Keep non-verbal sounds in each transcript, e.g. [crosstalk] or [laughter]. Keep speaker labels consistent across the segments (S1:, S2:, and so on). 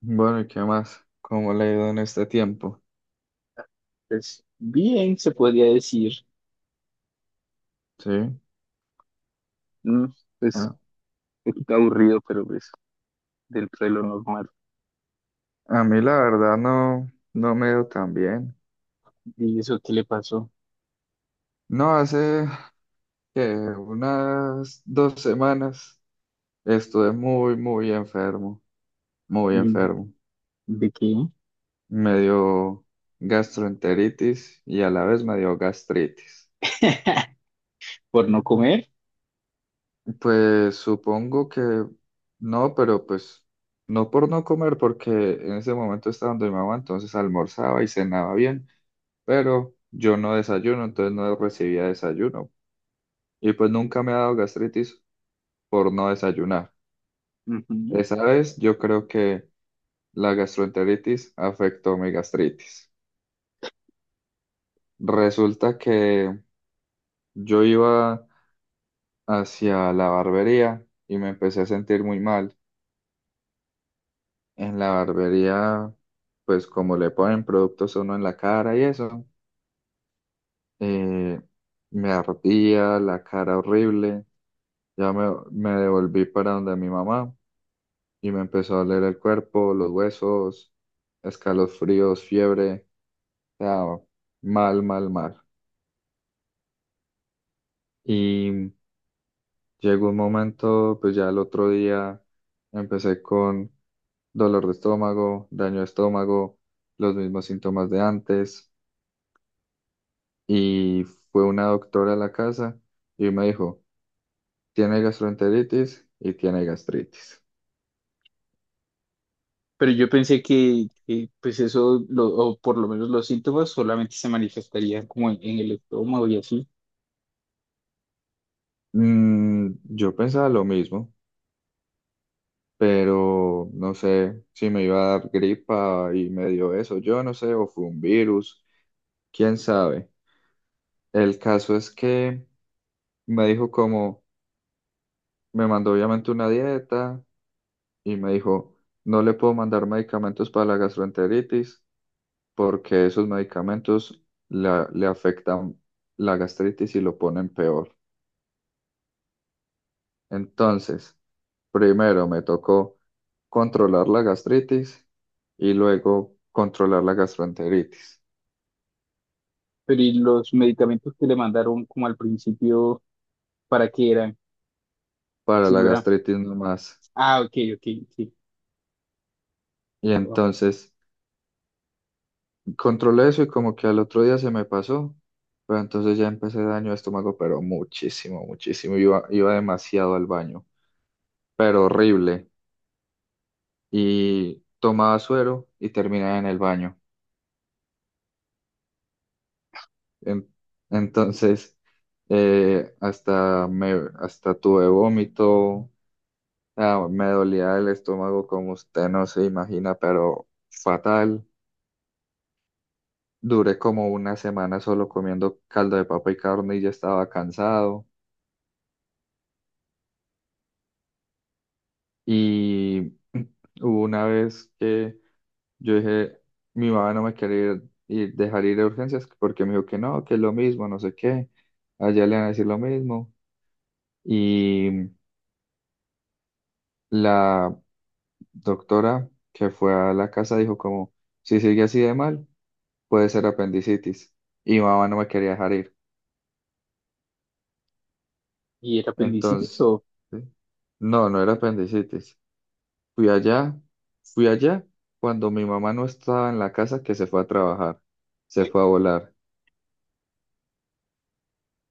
S1: Bueno, ¿y qué más? ¿Cómo le ha ido en este tiempo?
S2: Pues bien, se podría decir,
S1: Sí.
S2: ¿no? Pues
S1: A,
S2: aburrido, pero pues dentro de lo normal.
S1: a mí la verdad no, no me ha ido tan bien.
S2: ¿Y eso qué le pasó?
S1: No, hace que unas 2 semanas estuve muy, muy enfermo, muy
S2: ¿Y
S1: enfermo.
S2: ¿De qué?
S1: Me dio gastroenteritis y a la vez me dio gastritis.
S2: [laughs] ¿Por no comer?
S1: Pues supongo que no, pero pues no por no comer, porque en ese momento estaba donde mi mamá, entonces almorzaba y cenaba bien. Pero yo no desayuno, entonces no recibía desayuno. Y pues nunca me ha dado gastritis por no desayunar.
S2: Ujú.
S1: Esa vez yo creo que la gastroenteritis afectó mi gastritis. Resulta que yo iba hacia la barbería y me empecé a sentir muy mal. En la barbería, pues como le ponen productos a uno en la cara y eso, eh, me ardía la cara horrible. Ya me devolví para donde mi mamá. Y me empezó a doler el cuerpo, los huesos, escalofríos, fiebre, o sea, mal, mal, mal. Y llegó un momento, pues ya el otro día empecé con dolor de estómago, daño de estómago, los mismos síntomas de antes. Y fue una doctora a la casa y me dijo, tiene gastroenteritis y tiene gastritis.
S2: Pero yo pensé que, pues eso, o por lo menos los síntomas solamente se manifestarían como en el estómago y así.
S1: Mm, yo pensaba lo mismo. Pero no sé si me iba a dar gripa y me dio eso, yo no sé, o fue un virus, quién sabe. El caso es que me dijo como, me mandó obviamente una dieta y me dijo, no le puedo mandar medicamentos para la gastroenteritis porque esos medicamentos le afectan la gastritis y lo ponen peor. Entonces, primero me tocó controlar la gastritis y luego controlar la gastroenteritis.
S2: Pero ¿y los medicamentos que le mandaron como al principio, para qué eran?
S1: Para
S2: Si
S1: la
S2: no era,
S1: gastritis nomás.
S2: ah, ok, ok, sí.
S1: Y
S2: Ah,
S1: entonces controlé eso y como que al otro día se me pasó, pero entonces ya empecé daño de estómago, pero muchísimo, muchísimo. Iba demasiado al baño, pero horrible. Y tomaba suero y terminaba en el baño. En- entonces eh, hasta, me, hasta tuve vómito, ah, me dolía el estómago como usted no se imagina, pero fatal. Duré como una semana solo comiendo caldo de papa y carne y ya estaba cansado. Y [clears throat] hubo una vez que yo dije, mi mamá no me quería dejar ir a urgencias porque me dijo que no, que es lo mismo, no sé qué. Allá le van a decir lo mismo. Y la doctora que fue a la casa dijo como, si sigue así de mal, puede ser apendicitis. Y mi mamá no me quería dejar ir.
S2: ¿Y era apendicitis
S1: Entonces,
S2: o?
S1: ¿sí? No, no era apendicitis. Fui allá, fui allá cuando mi mamá no estaba en la casa que se fue a trabajar, se fue a
S2: [laughs]
S1: volar.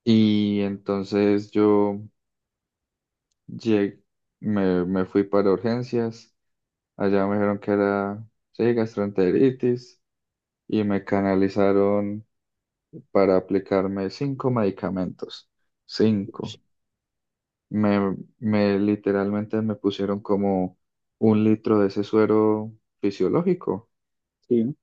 S1: Y entonces yo llegué, me fui para urgencias, allá me dijeron que era, sí, gastroenteritis y me canalizaron para aplicarme 5 medicamentos, cinco. Me literalmente me pusieron como 1 litro de ese suero fisiológico.
S2: Sí.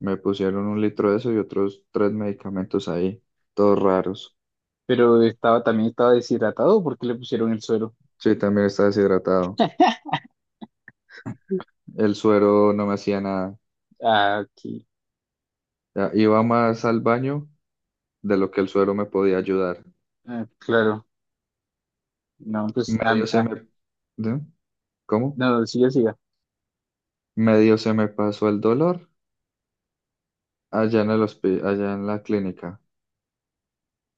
S1: Me pusieron 1 litro de eso y otros 3 medicamentos ahí, todos raros.
S2: Pero estaba, también estaba deshidratado porque le pusieron el suero.
S1: Sí, también estaba deshidratado. El suero no me hacía nada.
S2: Ah, aquí.
S1: Ya, iba más al baño de lo que el suero me podía ayudar.
S2: Ah, claro. No, pues, ah,
S1: Medio se
S2: ah,
S1: me... ¿De? ¿Cómo?
S2: no, siga, siga.
S1: Medio se me pasó el dolor allá en allá en la clínica.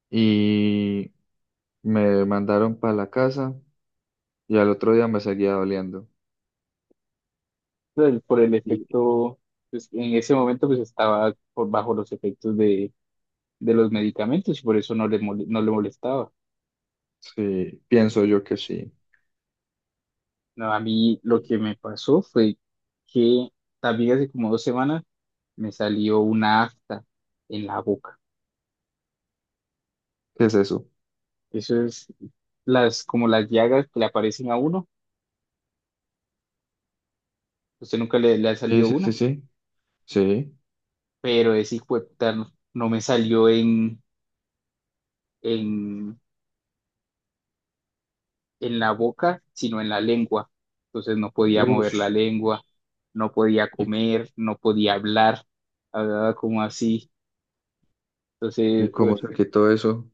S1: Y me mandaron para la casa y al otro día me seguía doliendo.
S2: Por por el
S1: Y
S2: efecto, pues en ese momento pues estaba por bajo los efectos de los medicamentos y por eso no le, no le molestaba.
S1: sí, pienso yo que sí.
S2: No, a mí
S1: ¿Qué
S2: lo que me pasó fue que también hace como dos semanas me salió una afta en la boca.
S1: es eso?
S2: Eso es como las llagas que le aparecen a uno. ¿Usted nunca le ha
S1: Sí,
S2: salido
S1: sí, sí,
S2: una?
S1: sí. Sí.
S2: Pero ese hijo de puta no me salió en, en la boca, sino en la lengua. Entonces no podía mover
S1: Ush,
S2: la lengua, no podía
S1: y,
S2: comer, no podía hablar, hablaba como así.
S1: y
S2: Entonces, uf,
S1: cómo se quitó eso.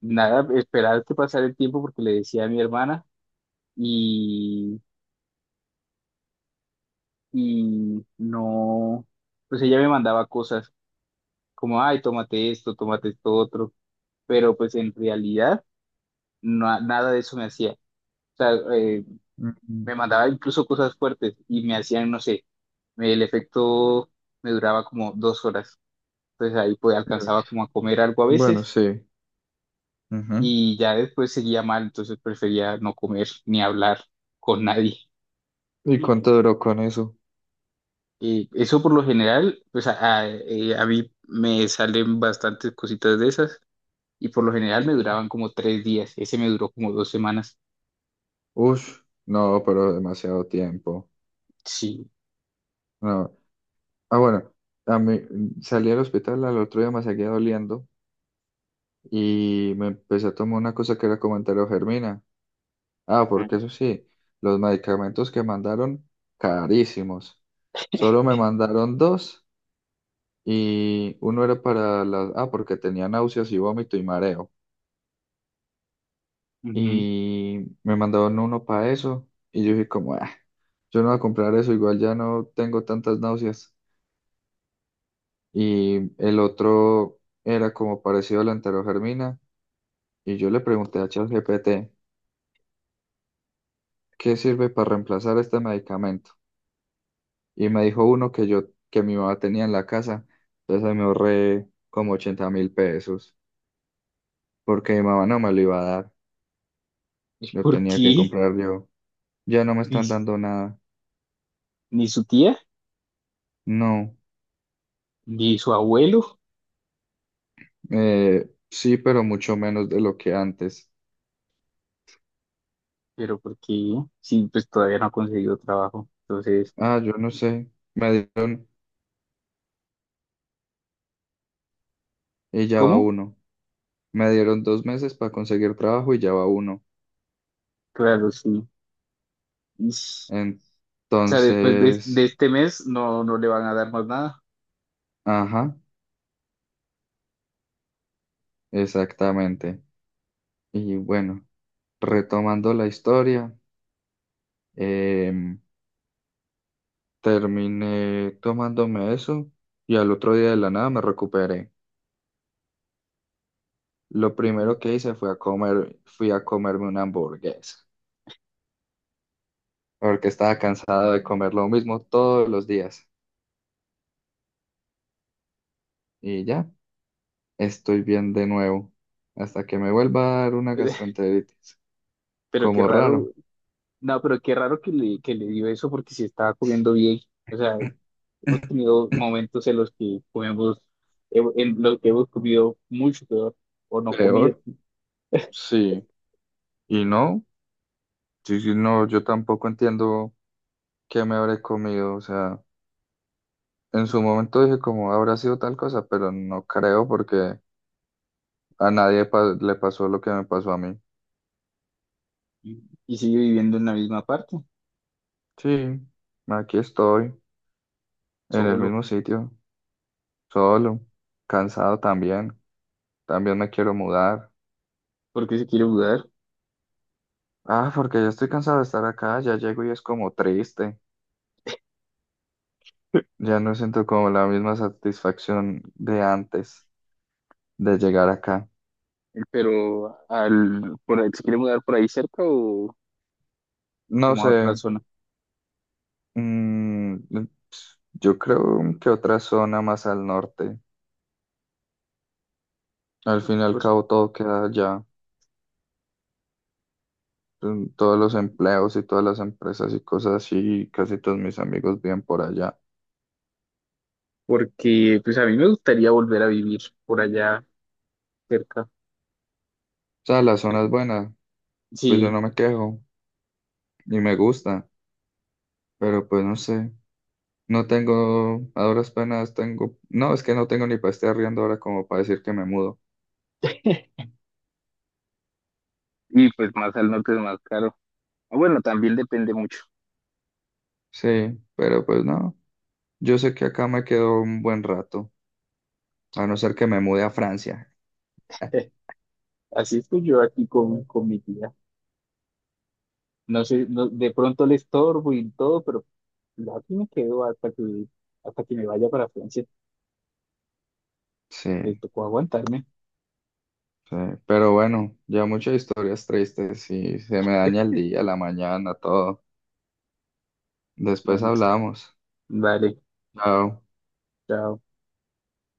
S2: nada, esperaba que pasara el tiempo porque le decía a mi hermana y, y no, pues ella me mandaba cosas como, ay, tómate esto otro, pero pues en realidad nada de eso me hacía. O sea,
S1: Mm,
S2: me mandaba incluso cosas fuertes y me hacían, no sé, el efecto me duraba como dos horas. Entonces ahí pues alcanzaba como a comer algo a
S1: bueno,
S2: veces
S1: sí, ujú.
S2: y ya después seguía mal, entonces prefería no comer ni hablar con nadie.
S1: ¿Y cuánto duró con eso?
S2: Eso por lo general, pues a mí me salen bastantes cositas de esas y por lo general me
S1: Sí.
S2: duraban como tres días. Ese me duró como dos semanas.
S1: Ush, no, pero demasiado tiempo.
S2: Sí.
S1: No. Ah, bueno, a mí salí al hospital al otro día me seguía doliendo y me empecé a tomar una cosa que era como germina. Ah,
S2: Ujú.
S1: porque eso sí, los medicamentos que mandaron, carísimos. Solo me mandaron dos y uno era para las... Ah, porque tenía náuseas y vómito y mareo.
S2: Ujú.
S1: Y me mandaron uno para eso y yo dije como, "Ah, yo no voy a comprar eso, igual ya no tengo tantas náuseas". Y el otro era como parecido a la enterogermina y yo le pregunté a ChatGPT, ¿qué sirve para reemplazar este medicamento? Y me dijo uno que yo, que mi mamá tenía en la casa, entonces ahí me ahorré como 80.000 pesos porque mi mamá no me lo iba a dar,
S2: ¿Y
S1: lo
S2: por
S1: tenía que
S2: qué?
S1: comprar yo. Ya no me
S2: Ni
S1: están dando nada,
S2: ni su tía,
S1: no.
S2: ni su abuelo.
S1: Sí, pero mucho menos de lo que antes.
S2: Pero porque sí, pues todavía no ha conseguido trabajo. Entonces,
S1: Ah, yo no sé. Me dieron y ya va
S2: ¿cómo?
S1: uno. Me dieron 2 meses para conseguir trabajo y ya va uno.
S2: Claro, sí. Ish. O sea, después de
S1: Entonces,
S2: este mes no, no le van a dar más nada.
S1: ajá, exactamente. Y bueno, retomando la historia, em, terminé tomándome eso y al otro día de la nada me recuperé. Lo
S2: Ujú.
S1: primero que hice fue a comer, fui a comerme una hamburguesa porque estaba cansado de comer lo mismo todos los días. Y ya estoy bien de nuevo, hasta que me vuelva a dar una
S2: [laughs]
S1: gastroenteritis,
S2: Pero qué
S1: como
S2: raro,
S1: raro.
S2: no, pero qué raro que que le dio eso porque se estaba comiendo bien. O sea, hemos tenido
S1: [clears throat]
S2: momentos en los que comemos, en los que hemos comido mucho peor o no comido.
S1: Peor, sí. Y no, sí, sí, no, yo tampoco entiendo qué me habré comido. O sea, en su momento dije como habrá sido tal cosa, pero no creo porque a nadie pa- le pasó lo que me pasó a mí.
S2: Y y sigue viviendo en la misma parte,
S1: Sí, aquí estoy, en el
S2: solo,
S1: mismo sitio, solo, cansado también. También me quiero mudar.
S2: porque se quiere mudar.
S1: Ah, porque ya estoy cansado de estar acá, ya llego y es como triste. Ya no siento como la misma satisfacción de antes de llegar acá.
S2: Pero al, por ahí, ¿se quiere mudar por ahí cerca o
S1: No
S2: como a
S1: sé,
S2: otra zona?
S1: mm, yo creo que otra zona más al norte. Al fin y al
S2: Pues
S1: cabo todo queda allá. Mm, todos los empleos y todas las empresas y cosas así, y casi todos mis amigos viven por allá.
S2: porque pues a mí me gustaría volver a vivir por allá cerca.
S1: O sea, la zona es buena, pues yo
S2: Sí,
S1: no me quejo y me gusta, pero pues no sé. No tengo, a duras penas tengo, no, es que no tengo ni para estar riendo ahora como para decir que me mudo.
S2: y pues más al norte es más caro. Ah, bueno, también depende mucho.
S1: Sí, pero pues no, yo sé que acá me quedo un buen rato, a no ser que me mude a Francia.
S2: [laughs] Así estoy yo aquí con mi tía. No sé, no- de pronto le estorbo y todo, pero yo aquí me quedo hasta que me vaya para Francia. Me
S1: Sí,
S2: tocó aguantarme.
S1: sí, pero bueno, ya muchas historias tristes y se me daña el día, la mañana, todo. Después hablamos.
S2: Vale,
S1: Chao.
S2: chao.